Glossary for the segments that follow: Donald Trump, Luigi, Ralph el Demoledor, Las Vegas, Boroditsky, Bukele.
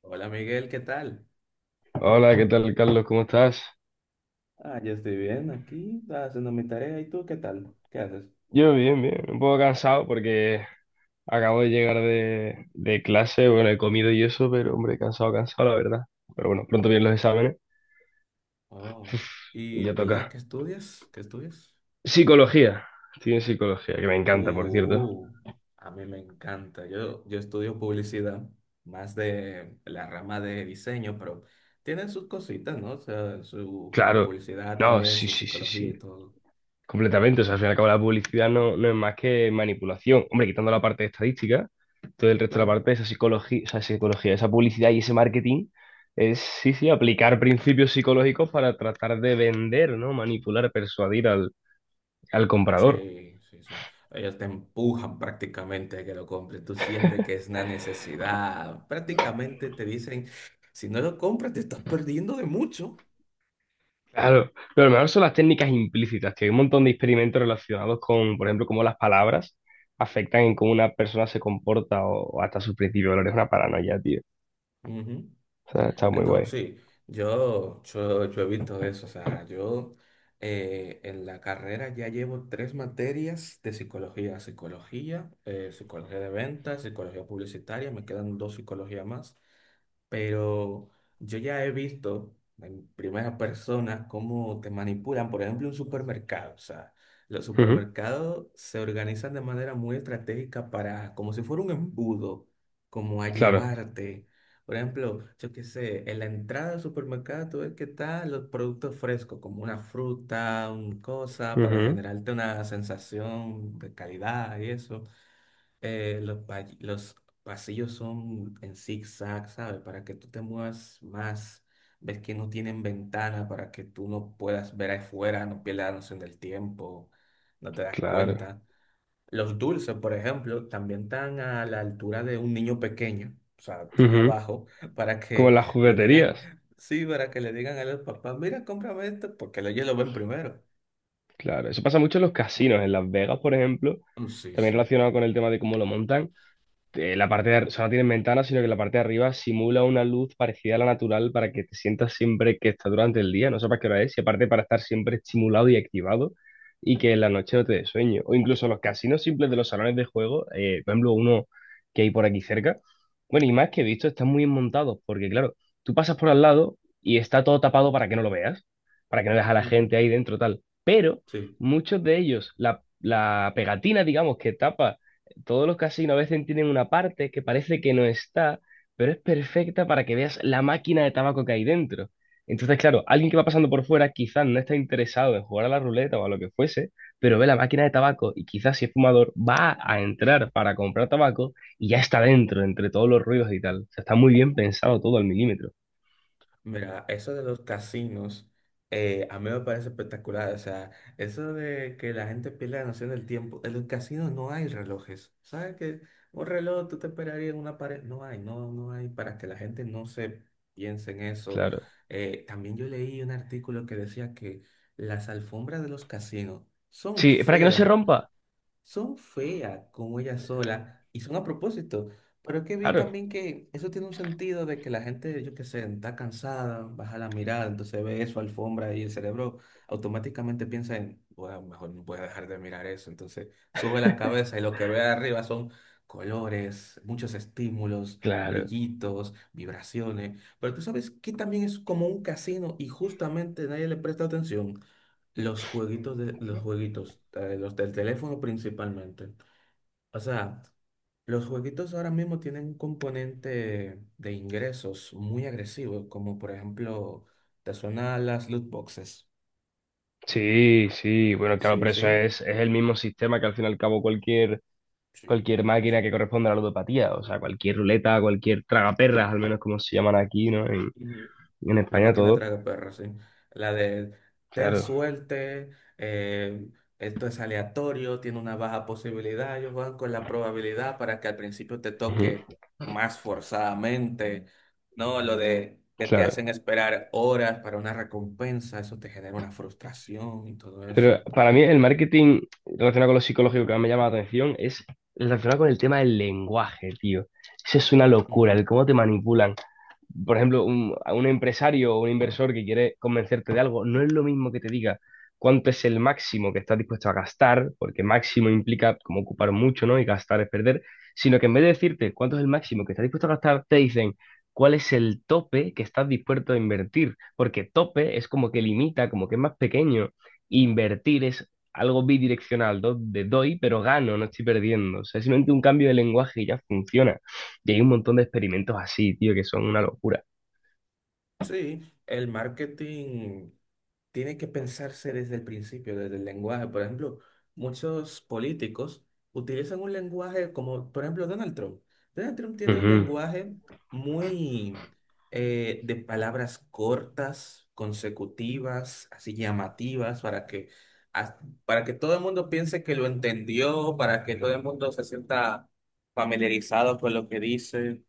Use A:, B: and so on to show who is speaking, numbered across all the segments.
A: Hola Miguel, ¿qué tal?
B: Hola, ¿qué tal, Carlos? ¿Cómo estás?
A: Yo estoy bien aquí, haciendo mi tarea. ¿Y tú qué tal? ¿Qué haces?
B: Yo bien, bien. Un poco cansado porque acabo de llegar de clase, bueno, he comido y eso, pero hombre, cansado, cansado, la verdad. Pero bueno, pronto vienen los exámenes
A: Oh,
B: y
A: ¿y
B: ya
A: verdad
B: toca.
A: que estudias? ¿Qué estudias?
B: Psicología. Estoy en psicología, que me encanta, por cierto.
A: Uh, A mí me encanta. Yo estudio publicidad, más de la rama de diseño, pero tienen sus cositas, ¿no? O sea, su
B: Claro.
A: publicidad
B: No,
A: también,
B: sí,
A: su
B: sí, sí,
A: psicología
B: sí.
A: y todo.
B: Completamente, o sea, al fin y al cabo la publicidad no es más que manipulación. Hombre, quitando la parte de estadística, todo el resto de la
A: Claro.
B: parte de esa psicología, esa publicidad y ese marketing es, sí, sí, aplicar principios psicológicos para tratar de vender, ¿no? Manipular, persuadir al comprador.
A: Sí, sí, sí. Ellos te empujan prácticamente a que lo compres. Tú sientes que es una necesidad. Prácticamente te dicen, si no lo compras, te estás perdiendo de mucho.
B: Claro, pero lo mejor son las técnicas implícitas, que hay un montón de experimentos relacionados con, por ejemplo, cómo las palabras afectan en cómo una persona se comporta o hasta sus principios de valores. Es una paranoia, tío.
A: Ujú.
B: O sea, está muy
A: No,
B: guay.
A: sí, yo he visto eso. O sea, yo en la carrera ya llevo tres materias de psicología. Psicología, psicología de ventas, psicología publicitaria, me quedan dos psicologías más, pero yo ya he visto en primera persona cómo te manipulan, por ejemplo, un supermercado. O sea, los
B: Ujú,
A: supermercados se organizan de manera muy estratégica para, como si fuera un embudo, como a
B: claro.
A: llevarte. Por ejemplo, yo qué sé, en la entrada del supermercado tú ves que están los productos frescos, como una fruta, una cosa, para
B: Ujú,
A: generarte una sensación de calidad y eso. Los pasillos son en zigzag, ¿sabes? Para que tú te muevas más, ves que no tienen ventana para que tú no puedas ver afuera, no pierdas la noción del tiempo, no te das
B: claro.
A: cuenta. Los dulces, por ejemplo, también están a la altura de un niño pequeño, o sea, están
B: Ujú.
A: abajo para
B: Como en
A: que
B: las
A: le digan,
B: jugueterías.
A: sí, para que le digan a los papás, mira, cómprame esto, porque ellos lo ven primero.
B: Claro, eso pasa mucho en los casinos, en Las Vegas, por ejemplo,
A: Mm, sí,
B: también
A: sí.
B: relacionado con el tema de cómo lo montan. La parte de, o sea, no tienen ventanas, sino que la parte de arriba simula una luz parecida a la natural para que te sientas siempre que está durante el día, no sepas qué hora es, y aparte para estar siempre estimulado y activado y que en la noche no te dé sueño. O incluso los casinos simples de los salones de juego, por ejemplo, uno que hay por aquí cerca, bueno, y más que he visto, están muy bien montados, porque claro, tú pasas por al lado y está todo tapado para que no lo veas, para que no veas a la
A: Ujú.
B: gente ahí dentro, tal. Pero
A: Sí.
B: muchos de ellos, la pegatina, digamos, que tapa todos los casinos a veces tienen una parte que parece que no está, pero es perfecta para que veas la máquina de tabaco que hay dentro. Entonces, claro, alguien que va pasando por fuera quizás no está interesado en jugar a la ruleta o a lo que fuese, pero ve la máquina de tabaco y quizás si es fumador va a entrar para comprar tabaco y ya está dentro, entre todos los ruidos y tal. O sea, está muy bien pensado todo al milímetro.
A: Mira, eso de los casinos, a mí me parece espectacular. O sea, eso de que la gente pierda la noción del tiempo. En los casinos no hay relojes. ¿Sabes que un reloj tú te esperarías en una pared? No hay, no, no hay, para que la gente no se piense en eso.
B: Claro.
A: También yo leí un artículo que decía que las alfombras de los casinos son
B: Sí, para que no se
A: feas,
B: rompa.
A: son feas como ella sola y son a propósito. Pero es que vi
B: Claro,
A: también que eso tiene un sentido de que la gente, yo qué sé, está cansada, baja la mirada, entonces ve eso, alfombra, y el cerebro automáticamente piensa en, bueno, mejor no voy a dejar de mirar eso. Entonces sube la cabeza y lo que ve arriba son colores, muchos estímulos,
B: claro.
A: brillitos, vibraciones. Pero tú sabes que también es como un casino y justamente nadie le presta atención. Los jueguitos, los del teléfono principalmente. O sea, los jueguitos ahora mismo tienen un componente de ingresos muy agresivo, como por ejemplo, te suenan las loot boxes.
B: Sí, sí, bueno, claro,
A: Sí,
B: pero eso
A: sí.
B: es el mismo sistema que al fin y al cabo cualquier
A: Sí,
B: máquina
A: sí.
B: que corresponda a la ludopatía, o sea, cualquier ruleta, cualquier tragaperras, al menos como se llaman aquí, ¿no? En,
A: Ujú.
B: en
A: La
B: España
A: máquina
B: todo,
A: traga perros, sí. La de ten
B: claro,
A: suerte, eh, esto es aleatorio, tiene una baja posibilidad. Ellos juegan con la probabilidad para que al principio te
B: ujú,
A: toque más forzadamente. No, lo de que te
B: claro.
A: hacen esperar horas para una recompensa, eso te genera una frustración y todo eso.
B: Pero para mí el marketing relacionado con lo psicológico que más me llama la atención es relacionado con el tema del lenguaje, tío. Eso es una locura, el cómo te manipulan. Por ejemplo, a un empresario o un inversor que quiere convencerte de algo, no es lo mismo que te diga cuánto es el máximo que estás dispuesto a gastar, porque máximo implica como ocupar mucho, ¿no? Y gastar es perder, sino que en vez de decirte cuánto es el máximo que estás dispuesto a gastar, te dicen cuál es el tope que estás dispuesto a invertir, porque tope es como que limita, como que es más pequeño. Invertir es algo bidireccional, de doy, pero gano, no estoy perdiendo. O sea, es simplemente un cambio de lenguaje y ya funciona. Y hay un montón de experimentos así, tío, que son una locura.
A: Sí, el marketing tiene que pensarse desde el principio, desde el lenguaje. Por ejemplo, muchos políticos utilizan un lenguaje como, por ejemplo, Donald Trump. Donald Trump tiene un
B: Ujú,
A: lenguaje muy de palabras cortas, consecutivas, así llamativas, as- para que todo el mundo piense que lo entendió, para que todo el mundo se sienta familiarizado con lo que dice.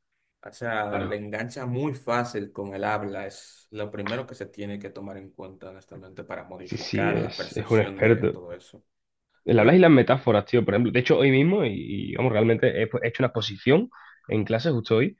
A: O sea, le
B: claro.
A: engancha muy fácil con el habla. Es lo primero que se tiene que tomar en cuenta, honestamente, para
B: Sí, sí,
A: modificar la
B: es, un
A: percepción de
B: experto.
A: todo eso.
B: El hablas y
A: Claro.
B: las metáforas, tío, por ejemplo. De hecho, hoy mismo, vamos, realmente he hecho una exposición en clase justo hoy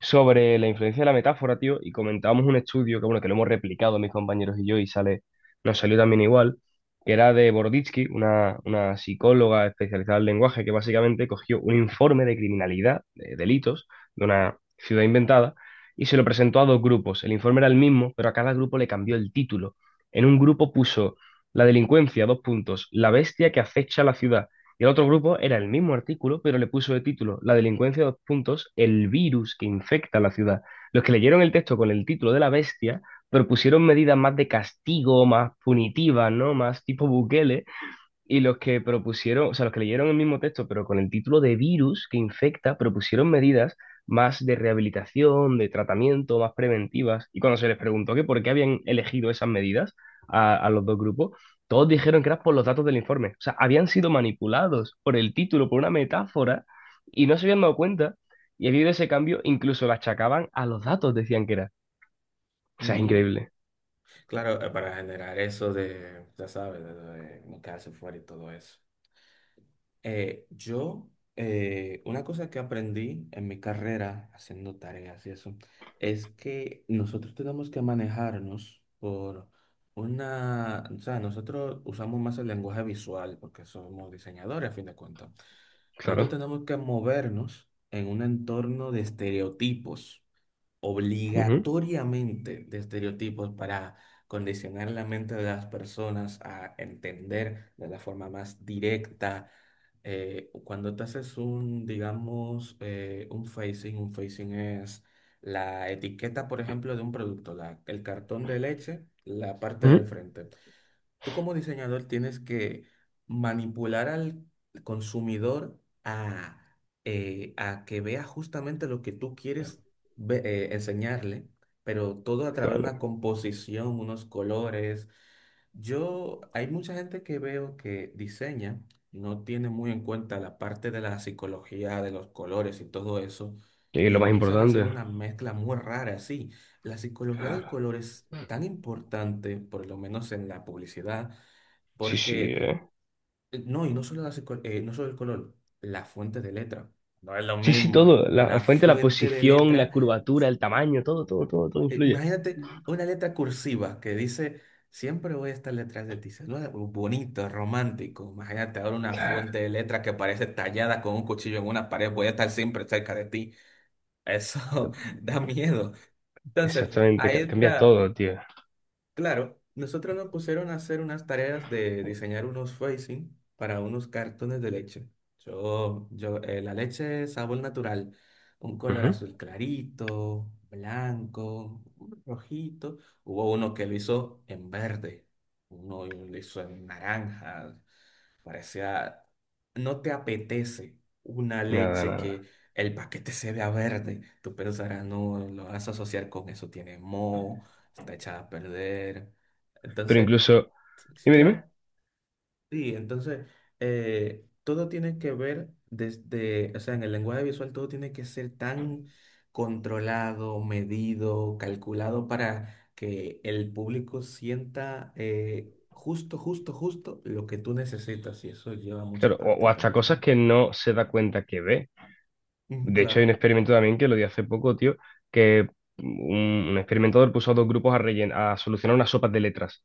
B: sobre la influencia de la metáfora, tío, y comentábamos un estudio que, bueno, que lo hemos replicado mis compañeros y yo y sale, nos salió también igual, que era de Boroditsky, una psicóloga especializada en lenguaje que básicamente cogió un informe de criminalidad, de delitos, de una ciudad inventada, y se lo presentó a dos grupos. El informe era el mismo, pero a cada grupo le cambió el título. En un grupo puso la delincuencia, dos puntos, la bestia que acecha la ciudad. Y el otro grupo era el mismo artículo, pero le puso de título la delincuencia, dos puntos, el virus que infecta la ciudad. Los que leyeron el texto con el título de la bestia propusieron medidas más de castigo, más punitivas, ¿no? Más tipo Bukele, y los que propusieron, o sea, los que leyeron el mismo texto, pero con el título de virus que infecta, propusieron medidas más de rehabilitación, de tratamiento, más preventivas. Y cuando se les preguntó que por qué habían elegido esas medidas a los dos grupos, todos dijeron que era por los datos del informe. O sea, habían sido manipulados por el título, por una metáfora, y no se habían dado cuenta. Y debido a ese cambio, incluso lo achacaban a los datos, decían que era. O sea, es
A: Ujú.
B: increíble.
A: Claro, para generar eso de, ya sabes, de no quedarse fuera y todo eso. Eh, yo, una cosa que aprendí en mi carrera haciendo tareas y eso, es que nosotros tenemos que manejarnos por o sea, nosotros usamos más el lenguaje visual porque somos diseñadores a fin de cuentas. Nosotros
B: Claro.
A: tenemos que movernos en un entorno de estereotipos,
B: Ujú,
A: obligatoriamente de estereotipos, para condicionar la mente de las personas a entender de la forma más directa. Cuando te haces un, digamos, un facing es la etiqueta, por ejemplo, de un producto, el cartón de leche, la parte del
B: ujú.
A: frente. Tú como diseñador tienes que manipular al consumidor a, a que vea justamente lo que tú quieres enseñarle, pero todo a través de una
B: Claro.
A: composición, unos colores. Yo, hay mucha gente que veo que diseña, no tiene muy en cuenta la parte de la psicología, de los colores y todo eso,
B: Y es
A: y
B: lo más
A: empiezan a hacer
B: importante.
A: una mezcla muy rara así. La psicología del
B: Claro.
A: color es tan importante, por lo menos en la publicidad,
B: Sí, sí,
A: porque,
B: es.
A: no solo, no solo el color, la fuente de letra. No es lo
B: Sí, sí,
A: mismo.
B: todo. La
A: Una
B: fuente, la
A: fuente de
B: posición,
A: letra.
B: la curvatura, el tamaño, todo, todo, todo, todo influye.
A: Imagínate una letra cursiva que dice, siempre voy a estar detrás de ti. Bonito, romántico. Imagínate ahora una fuente de letra que parece tallada con un cuchillo en una pared. Voy a estar siempre cerca de ti. Eso da miedo. Entonces,
B: Exactamente,
A: ahí
B: cambia
A: entra.
B: todo, tío.
A: Claro, nosotros nos pusieron a hacer unas tareas de diseñar unos facing para unos cartones de leche. La leche sabor natural, un color
B: Ujú.
A: azul clarito, blanco, un rojito. Hubo uno que lo hizo en verde, uno lo hizo en naranja. Parecía, no te apetece una
B: Nada,
A: leche
B: nada.
A: que el paquete se vea verde. Tú pensarás, no, lo vas a asociar con eso, tiene moho, está echada a perder.
B: Pero
A: Entonces,
B: incluso,
A: sí,
B: dime, dime.
A: claro. Sí, entonces todo tiene que ver desde, o sea, en el lenguaje visual todo tiene que ser tan controlado, medido, calculado para que el público sienta justo, justo, justo lo que tú necesitas, y eso lleva mucha
B: Claro, o
A: práctica,
B: hasta cosas
A: honestamente.
B: que no se da cuenta que ve.
A: Ujú,
B: De hecho, hay un
A: claro,
B: experimento también que lo di hace poco, tío, que un experimentador puso a dos grupos a solucionar unas sopas de letras.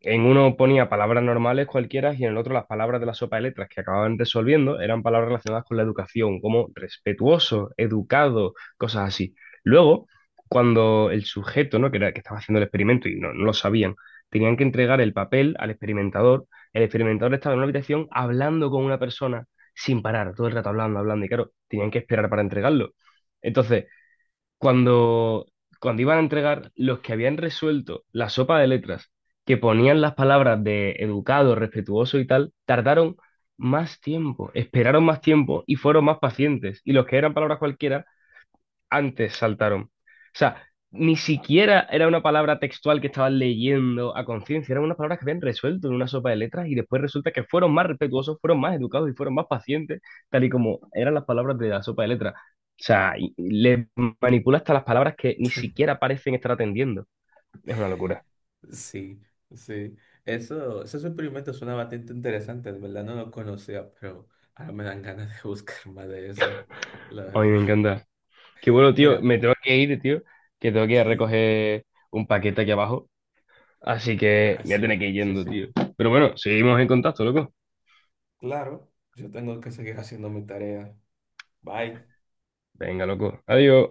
B: En uno ponía palabras normales cualquiera y en el otro las palabras de la sopa de letras que acababan resolviendo eran palabras relacionadas con la educación, como respetuoso, educado, cosas así. Luego, cuando el sujeto, ¿no? que era, que estaba haciendo el experimento y no lo sabían, tenían que entregar el papel al experimentador, el experimentador estaba en una habitación hablando con una persona sin parar, todo el rato hablando, hablando, y claro, tenían que esperar para entregarlo. Entonces, cuando, cuando, iban a entregar, los que habían resuelto la sopa de letras, que ponían las palabras de educado, respetuoso y tal, tardaron más tiempo, esperaron más tiempo y fueron más pacientes. Y los que eran palabras cualquiera antes saltaron. O sea, ni siquiera era una palabra textual que estaban leyendo a conciencia, eran unas palabras que habían resuelto en una sopa de letras y después resulta que fueron más respetuosos, fueron más educados y fueron más pacientes, tal y como eran las palabras de la sopa de letras. O sea, y le manipula hasta las palabras que ni siquiera parecen estar atendiendo. Es una locura.
A: sí, sí. Eso, esos experimentos suena bastante interesante, de verdad no lo conocía, pero ahora me dan ganas de buscar más de eso, la
B: A mí me
A: verdad.
B: encanta. Qué bueno, tío.
A: Mira,
B: Me tengo que ir, tío. Que tengo que ir a
A: sí.
B: recoger un paquete aquí abajo. Así que
A: Ah,
B: me voy a tener
A: sí,
B: que ir
A: sí,
B: yendo,
A: sí.
B: tío. Pero bueno, seguimos en contacto, loco.
A: Claro, yo tengo que seguir haciendo mi tarea. Bye.
B: Venga, loco. Adiós.